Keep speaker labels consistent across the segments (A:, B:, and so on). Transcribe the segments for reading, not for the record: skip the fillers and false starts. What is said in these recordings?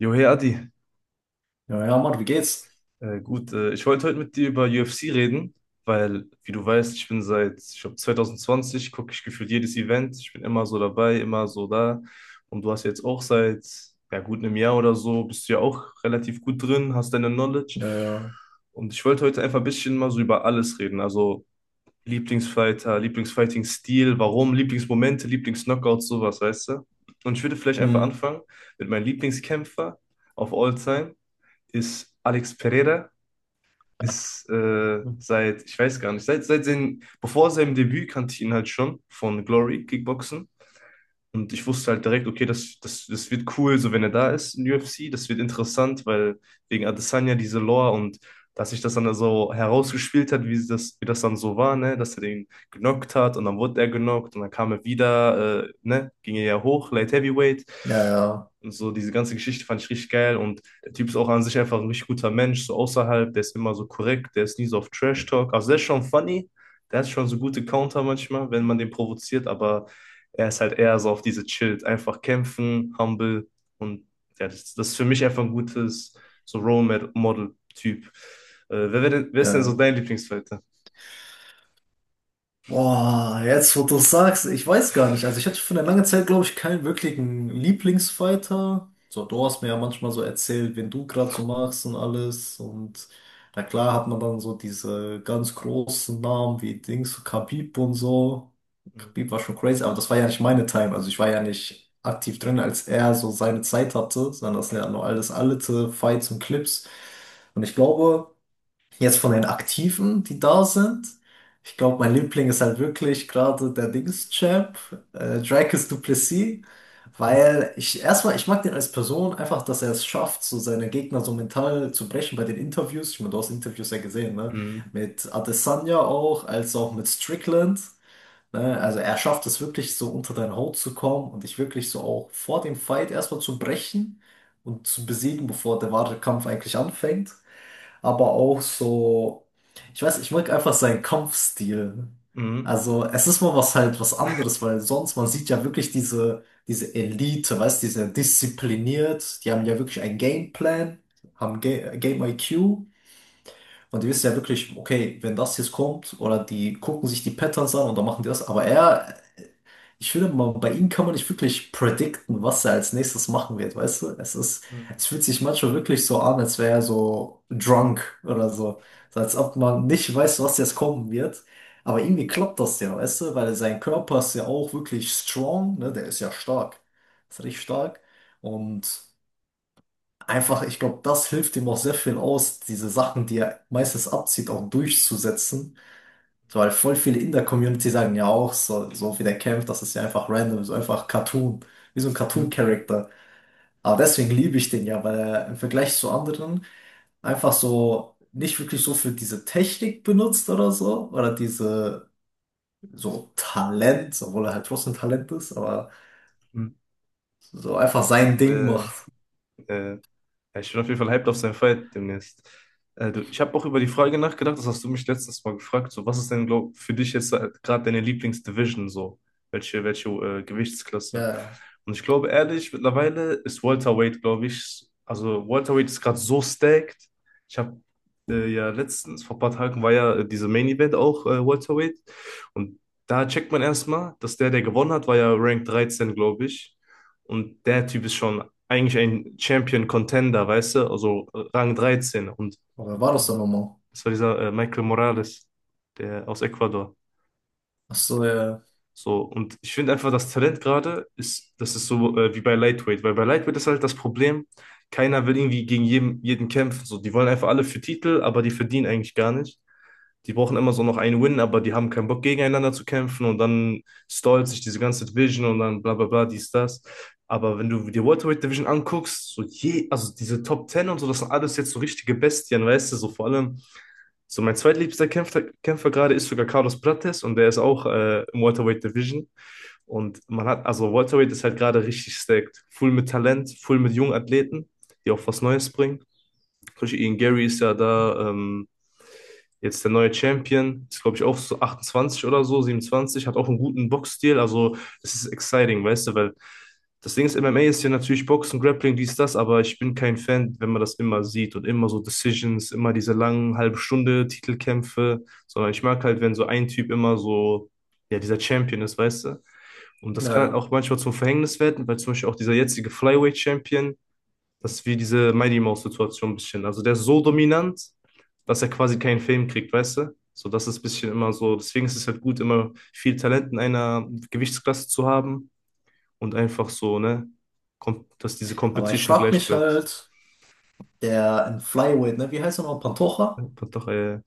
A: Jo, hey Adi.
B: Ja, ja, Mann, wie geht's?
A: Gut. Ich wollte heute mit dir über UFC reden, weil, wie du weißt, ich bin seit, ich glaube, 2020 gucke ich gefühlt jedes Event. Ich bin immer so dabei, immer so da, und du hast jetzt auch seit, ja gut, einem Jahr oder so, bist du ja auch relativ gut drin, hast deine Knowledge.
B: Ja, ja.
A: Und ich wollte heute einfach ein bisschen mal so über alles reden, also Lieblingsfighter, Lieblingsfighting-Stil, warum, Lieblingsmomente, Lieblingsknockouts, sowas, weißt du? Und ich würde vielleicht einfach
B: Mhm.
A: anfangen mit meinem Lieblingskämpfer of all time ist Alex Pereira. Ist seit, ich weiß gar nicht, seit seinem, bevor seinem Debüt kannte ich ihn halt schon von Glory Kickboxen. Und ich wusste halt direkt, okay, das wird cool, so wenn er da ist in UFC, das wird interessant, weil wegen Adesanya diese Lore, und dass sich das dann so herausgespielt hat, wie das dann so war, ne, dass er den genockt hat und dann wurde er genockt und dann kam er wieder, ne, ging er ja hoch, Light Heavyweight.
B: Ja, ja.
A: Und so diese ganze Geschichte fand ich richtig geil, und der Typ ist auch an sich einfach ein richtig guter Mensch, so außerhalb, der ist immer so korrekt, der ist nie so auf Trash Talk, also der ist schon funny, der hat schon so gute Counter manchmal, wenn man den provoziert, aber er ist halt eher so auf diese chillt, einfach kämpfen, humble, und ja, das ist für mich einfach ein gutes so Role Model Typ. Wer ist denn so
B: Ja,
A: dein Lieblingsfighter?
B: boah, jetzt wo du es sagst, ich weiß gar nicht. Also ich hatte für eine lange Zeit, glaube ich, keinen wirklichen Lieblingsfighter. So, du hast mir ja manchmal so erzählt, wen du gerade so magst und alles. Und na klar hat man dann so diese ganz großen Namen wie Dings, so Khabib und so.
A: Mhm.
B: Khabib war schon crazy, aber das war ja nicht meine Time. Also ich war ja nicht aktiv drin, als er so seine Zeit hatte, sondern das sind ja nur alles alte Fights und Clips. Und ich glaube, jetzt von den Aktiven, die da sind, ich glaube, mein Liebling ist halt wirklich gerade der Dings-Champ, Dracus du Plessis, weil ich erstmal, ich mag den als Person einfach, dass er es schafft, so seine Gegner so mental zu brechen bei den Interviews. Ich meine, du hast Interviews ja gesehen, ne? Mit Adesanya auch, als auch mit Strickland. Ne? Also er schafft es wirklich so unter deine Haut zu kommen und dich wirklich so auch vor dem Fight erstmal zu brechen und zu besiegen, bevor der wahre Kampf eigentlich anfängt, aber auch so, ich weiß, ich mag einfach seinen Kampfstil.
A: Mhm.
B: Also es ist mal was halt, was anderes, weil sonst man sieht ja wirklich diese Elite, weißt, die sind diszipliniert, die haben ja wirklich einen Gameplan, haben Ga Game IQ und die wissen ja wirklich, okay, wenn das jetzt kommt oder die gucken sich die Patterns an und dann machen die das, aber er, ich finde mal, bei ihm kann man nicht wirklich predikten, was er als nächstes machen wird, weißt du? Es ist,
A: Mhm.
B: es fühlt sich manchmal wirklich so an, als wäre er so drunk oder so. So als ob man nicht weiß, was jetzt kommen wird. Aber irgendwie klappt das ja, weißt du? Weil sein Körper ist ja auch wirklich strong, ne? Der ist ja stark. Ist richtig stark. Und einfach, ich glaube, das hilft ihm auch sehr viel aus, diese Sachen, die er meistens abzieht, auch durchzusetzen. So, weil voll viele in der Community sagen ja auch, so, so wie der kämpft, das ist ja einfach random, so einfach Cartoon, wie so ein
A: Mhm.
B: Cartoon-Character. Aber deswegen liebe ich den ja, weil er im Vergleich zu anderen einfach so nicht wirklich so für diese Technik benutzt oder so, oder diese so Talent, obwohl er halt trotzdem Talent ist, aber
A: Mhm.
B: so einfach sein Ding
A: Äh,
B: macht.
A: äh, Ja, ich bin auf jeden Fall hyped auf seinen Fight demnächst. Du, ich habe auch über die Frage nachgedacht. Das hast du mich letztes Mal gefragt, so was ist denn glaub, für dich jetzt gerade deine Lieblingsdivision so? Welche
B: Ja,
A: Gewichtsklasse?
B: ja.
A: Und ich glaube ehrlich, mittlerweile ist Welterweight, glaube ich, also Welterweight ist gerade so stacked. Ich habe ja letztens, vor ein paar Tagen war ja diese Main Event auch Welterweight, und da checkt man erstmal, dass der, der gewonnen hat, war ja Rank 13, glaube ich. Und der Typ ist schon eigentlich ein Champion-Contender, weißt du? Also Rang 13. Und
B: Aber wer war das denn nochmal?
A: das war dieser Michael Morales, der aus Ecuador.
B: Ach so, ja, ja.
A: So, und ich finde einfach, das Talent gerade ist, das ist so wie bei Lightweight, weil bei Lightweight ist halt das Problem, keiner will irgendwie gegen jeden, jeden kämpfen. So, die wollen einfach alle für Titel, aber die verdienen eigentlich gar nicht. Die brauchen immer so noch einen Win, aber die haben keinen Bock, gegeneinander zu kämpfen, und dann stallt sich diese ganze Division und dann bla bla bla, dies, das. Aber wenn du die Welterweight Division anguckst, so je, also diese Top 10 und so, das sind alles jetzt so richtige Bestien, weißt du, so vor allem, so mein zweitliebster Kämpfer gerade ist sogar Carlos Prates, und der ist auch im Welterweight Division. Und man hat, also Welterweight ist halt gerade richtig stacked. Full mit Talent, full mit jungen Athleten, die auch was Neues bringen. Zum Beispiel Ian Gary ist ja da jetzt der neue Champion. Ist, glaube ich, auch so 28 oder so, 27. Hat auch einen guten Boxstil. Also, es ist exciting, weißt du, weil das Ding ist, MMA ist ja natürlich Boxen, Grappling, dies, das, aber ich bin kein Fan, wenn man das immer sieht und immer so Decisions, immer diese langen halbe Stunde Titelkämpfe, sondern ich mag halt, wenn so ein Typ immer so, ja, dieser Champion ist, weißt du? Und
B: Ja.
A: das kann halt
B: Ja.
A: auch manchmal zum Verhängnis werden, weil zum Beispiel auch dieser jetzige Flyweight-Champion, das ist wie diese Mighty Mouse-Situation ein bisschen. Also der ist so dominant, dass er quasi keinen Film kriegt, weißt du? So, das ist ein bisschen immer so. Deswegen ist es halt gut, immer viel Talent in einer Gewichtsklasse zu haben und einfach so, ne, dass diese
B: Aber ich
A: Competition
B: frag
A: gleich
B: mich
A: bleibt.
B: halt, der in Flyweight, ne, wie heißt er noch? Pantoja?
A: Ja. Doch.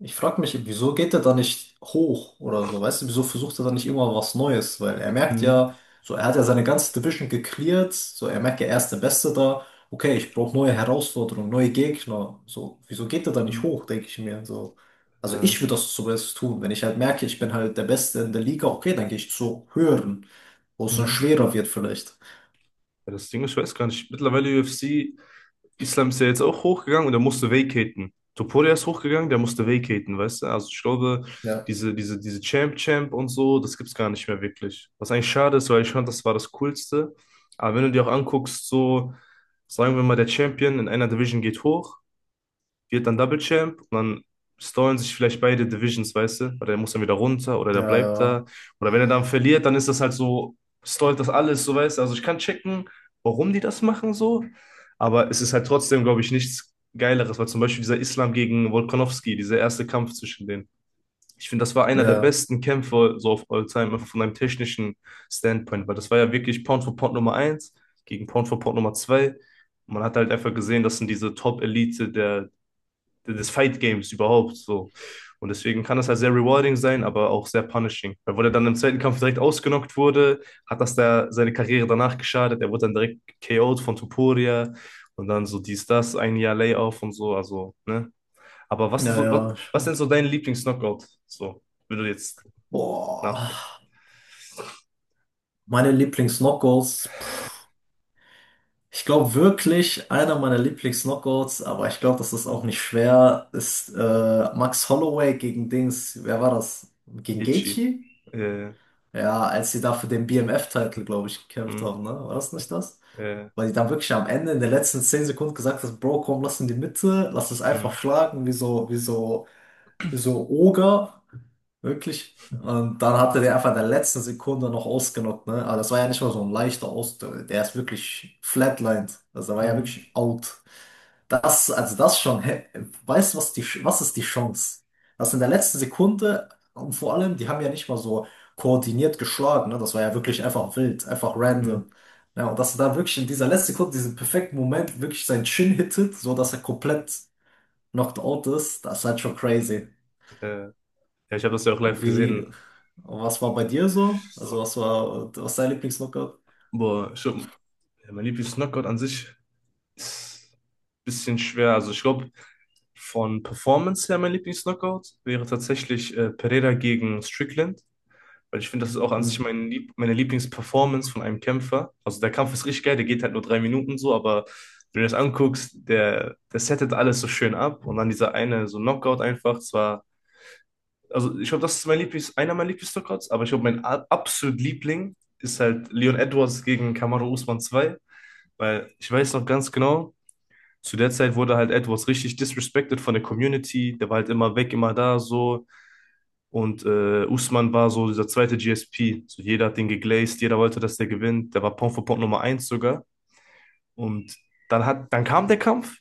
B: Ich frage mich, wieso geht er da nicht hoch oder so? Weißt du, wieso versucht er da nicht immer was Neues? Weil er merkt
A: Mhm.
B: ja, so er hat ja seine ganze Division gecleart, so er merkt ja, er ist der Beste da. Okay, ich brauche neue Herausforderungen, neue Gegner. So, wieso geht er da nicht
A: Mhm.
B: hoch, denke ich mir. So, also
A: äh,
B: ich würde das zumindest tun, wenn ich halt merke, ich bin halt der Beste in der Liga. Okay, dann gehe ich zu höheren, wo es dann
A: mhm.
B: schwerer wird vielleicht.
A: Ja, das Ding ist, ich weiß gar nicht. Mittlerweile UFC. Islam ist ja jetzt auch hochgegangen und er musste vacaten. Topuria ist hochgegangen, der musste vacaten, weißt du? Also ich glaube,
B: Ja.
A: diese Champ-Champ und so, das gibt's gar nicht mehr wirklich. Was eigentlich schade ist, weil ich fand, das war das Coolste. Aber wenn du dir auch anguckst, so, sagen wir mal, der Champion in einer Division geht hoch, wird dann Double Champ, und dann stallen sich vielleicht beide Divisions, weißt du? Oder der muss dann wieder runter oder der
B: Ja,
A: bleibt da.
B: ja,
A: Oder wenn er dann verliert, dann ist das halt so, stallt das alles, so, weißt du? Also ich kann checken, warum die das machen so, aber es ist halt trotzdem, glaube ich, nichts Geileres, weil zum Beispiel dieser Islam gegen Volkanovski, dieser erste Kampf zwischen denen. Ich finde, das war einer der
B: ja,
A: besten Kämpfe so auf All Time, einfach von einem technischen Standpoint, weil das war ja wirklich Pound for Pound Nummer eins gegen Pound for Pound Nummer 2. Man hat halt einfach gesehen, das sind diese Top-Elite der des Fight Games überhaupt so. Und deswegen kann das halt sehr rewarding sein, aber auch sehr punishing. Weil wo er dann im zweiten Kampf direkt ausgenockt wurde, hat das da seine Karriere danach geschadet. Er wurde dann direkt KO'd von Tuporia, und dann so dies, das, ein Jahr Layoff und so. Also, ne? Aber was ist
B: ja,
A: so, was,
B: ja,
A: was
B: schon.
A: denn so dein Lieblings-Knockout? So, wenn du jetzt nachdenkst.
B: Boah, meine Lieblings-Knockouts. Pff. Ich glaube wirklich, einer meiner Lieblings-Knockouts, aber ich glaube, das ist auch nicht schwer, ist Max Holloway gegen Dings, wer war das? Gegen
A: Itchy.
B: Gaethje?
A: Äh,
B: Ja, als sie da für den BMF-Title, glaube ich, gekämpft
A: Mh,
B: haben, ne? War das nicht das?
A: äh,
B: Weil die dann wirklich am Ende in den letzten 10 Sekunden gesagt haben, Bro, komm, lass in die Mitte, lass es einfach
A: mh,
B: schlagen, wie so, wie so, wie so Oger. Wirklich? Und dann hat er den einfach in der letzten Sekunde noch ausgenockt, ne? Aber das war ja nicht mal so ein leichter Aus. Der ist wirklich flatlined. Also der war ja
A: mh,
B: wirklich out. Das, also das schon, hä? Weißt du, was die, was ist die Chance? Das in der letzten Sekunde, und vor allem, die haben ja nicht mal so koordiniert geschlagen, ne? Das war ja wirklich einfach wild, einfach
A: mh,
B: random. Ja, und dass er dann wirklich in dieser letzten Sekunde, diesen perfekten Moment, wirklich sein Chin hittet, so dass er komplett knocked out ist, das ist halt schon crazy.
A: äh. Ja, ich habe das ja auch live
B: Und wie,
A: gesehen.
B: was war bei dir so? Also was war, was ist dein Lieblingslookout?
A: Boah, schon, ja, mein Lieblings-Knockout an sich ist ein bisschen schwer. Also ich glaube, von Performance her mein Lieblingslockout wäre tatsächlich Pereira gegen Strickland. Weil ich finde, das ist auch an
B: Hm.
A: sich meine Lieblingsperformance von einem Kämpfer. Also der Kampf ist richtig geil, der geht halt nur 3 Minuten so, aber wenn du das anguckst, der settet alles so schön ab. Und dann dieser eine, so Knockout einfach, zwar, also ich glaube, das ist einer meiner Lieblings-Knockouts, aber ich glaube, mein absolut Liebling ist halt Leon Edwards gegen Kamaru Usman zwei. Weil ich weiß noch ganz genau, zu der Zeit wurde halt Edwards richtig disrespected von der Community. Der war halt immer weg, immer da so. Und Usman war so dieser zweite GSP. So, jeder hat den geglaced, jeder wollte, dass der gewinnt. Der war Pound for Pound Nummer eins sogar. Und dann, dann kam der Kampf.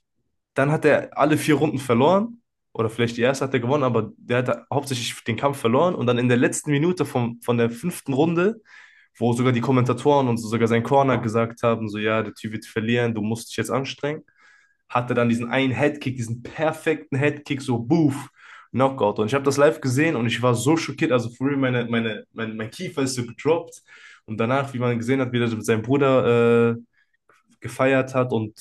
A: Dann hat er alle 4 Runden verloren. Oder vielleicht die erste hat er gewonnen, aber der hat hauptsächlich den Kampf verloren. Und dann in der letzten Minute vom, von der fünften Runde, wo sogar die Kommentatoren und so sogar sein Corner gesagt haben, so ja, der Typ wird verlieren, du musst dich jetzt anstrengen, hat er dann diesen einen Headkick, diesen perfekten Headkick, so boof, Knockout. Und ich habe das live gesehen, und ich war so schockiert. Also früher mein Kiefer ist so gedroppt. Und danach, wie man gesehen hat, wie er mit seinem Bruder gefeiert hat, und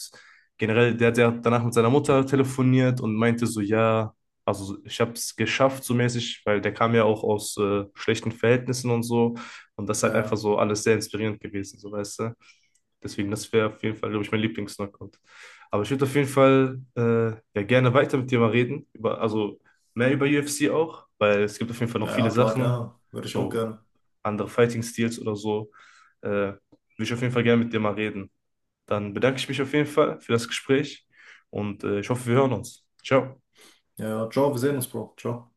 A: generell, der hat ja danach mit seiner Mutter telefoniert und meinte so, ja, also ich habe es geschafft so mäßig, weil der kam ja auch aus schlechten Verhältnissen und so. Und das ist halt
B: Ja,
A: einfach
B: ja,
A: so alles sehr inspirierend gewesen, so, weißt du. Deswegen, das wäre auf jeden Fall, glaube ich, mein Lieblings-Knockout. Aber ich würde auf jeden Fall ja, gerne weiter mit dir mal reden, über, also mehr über UFC auch, weil es gibt auf jeden Fall noch
B: ja,
A: viele
B: ja, klar,
A: Sachen,
B: gerne. Würde ich auch
A: so
B: gerne.
A: andere fighting Styles oder so. Würde ich auf jeden Fall gerne mit dir mal reden. Dann bedanke ich mich auf jeden Fall für das Gespräch, und ich hoffe, wir hören uns. Ciao.
B: Ja, ja, ciao, wir sehen uns, Bro. Ciao.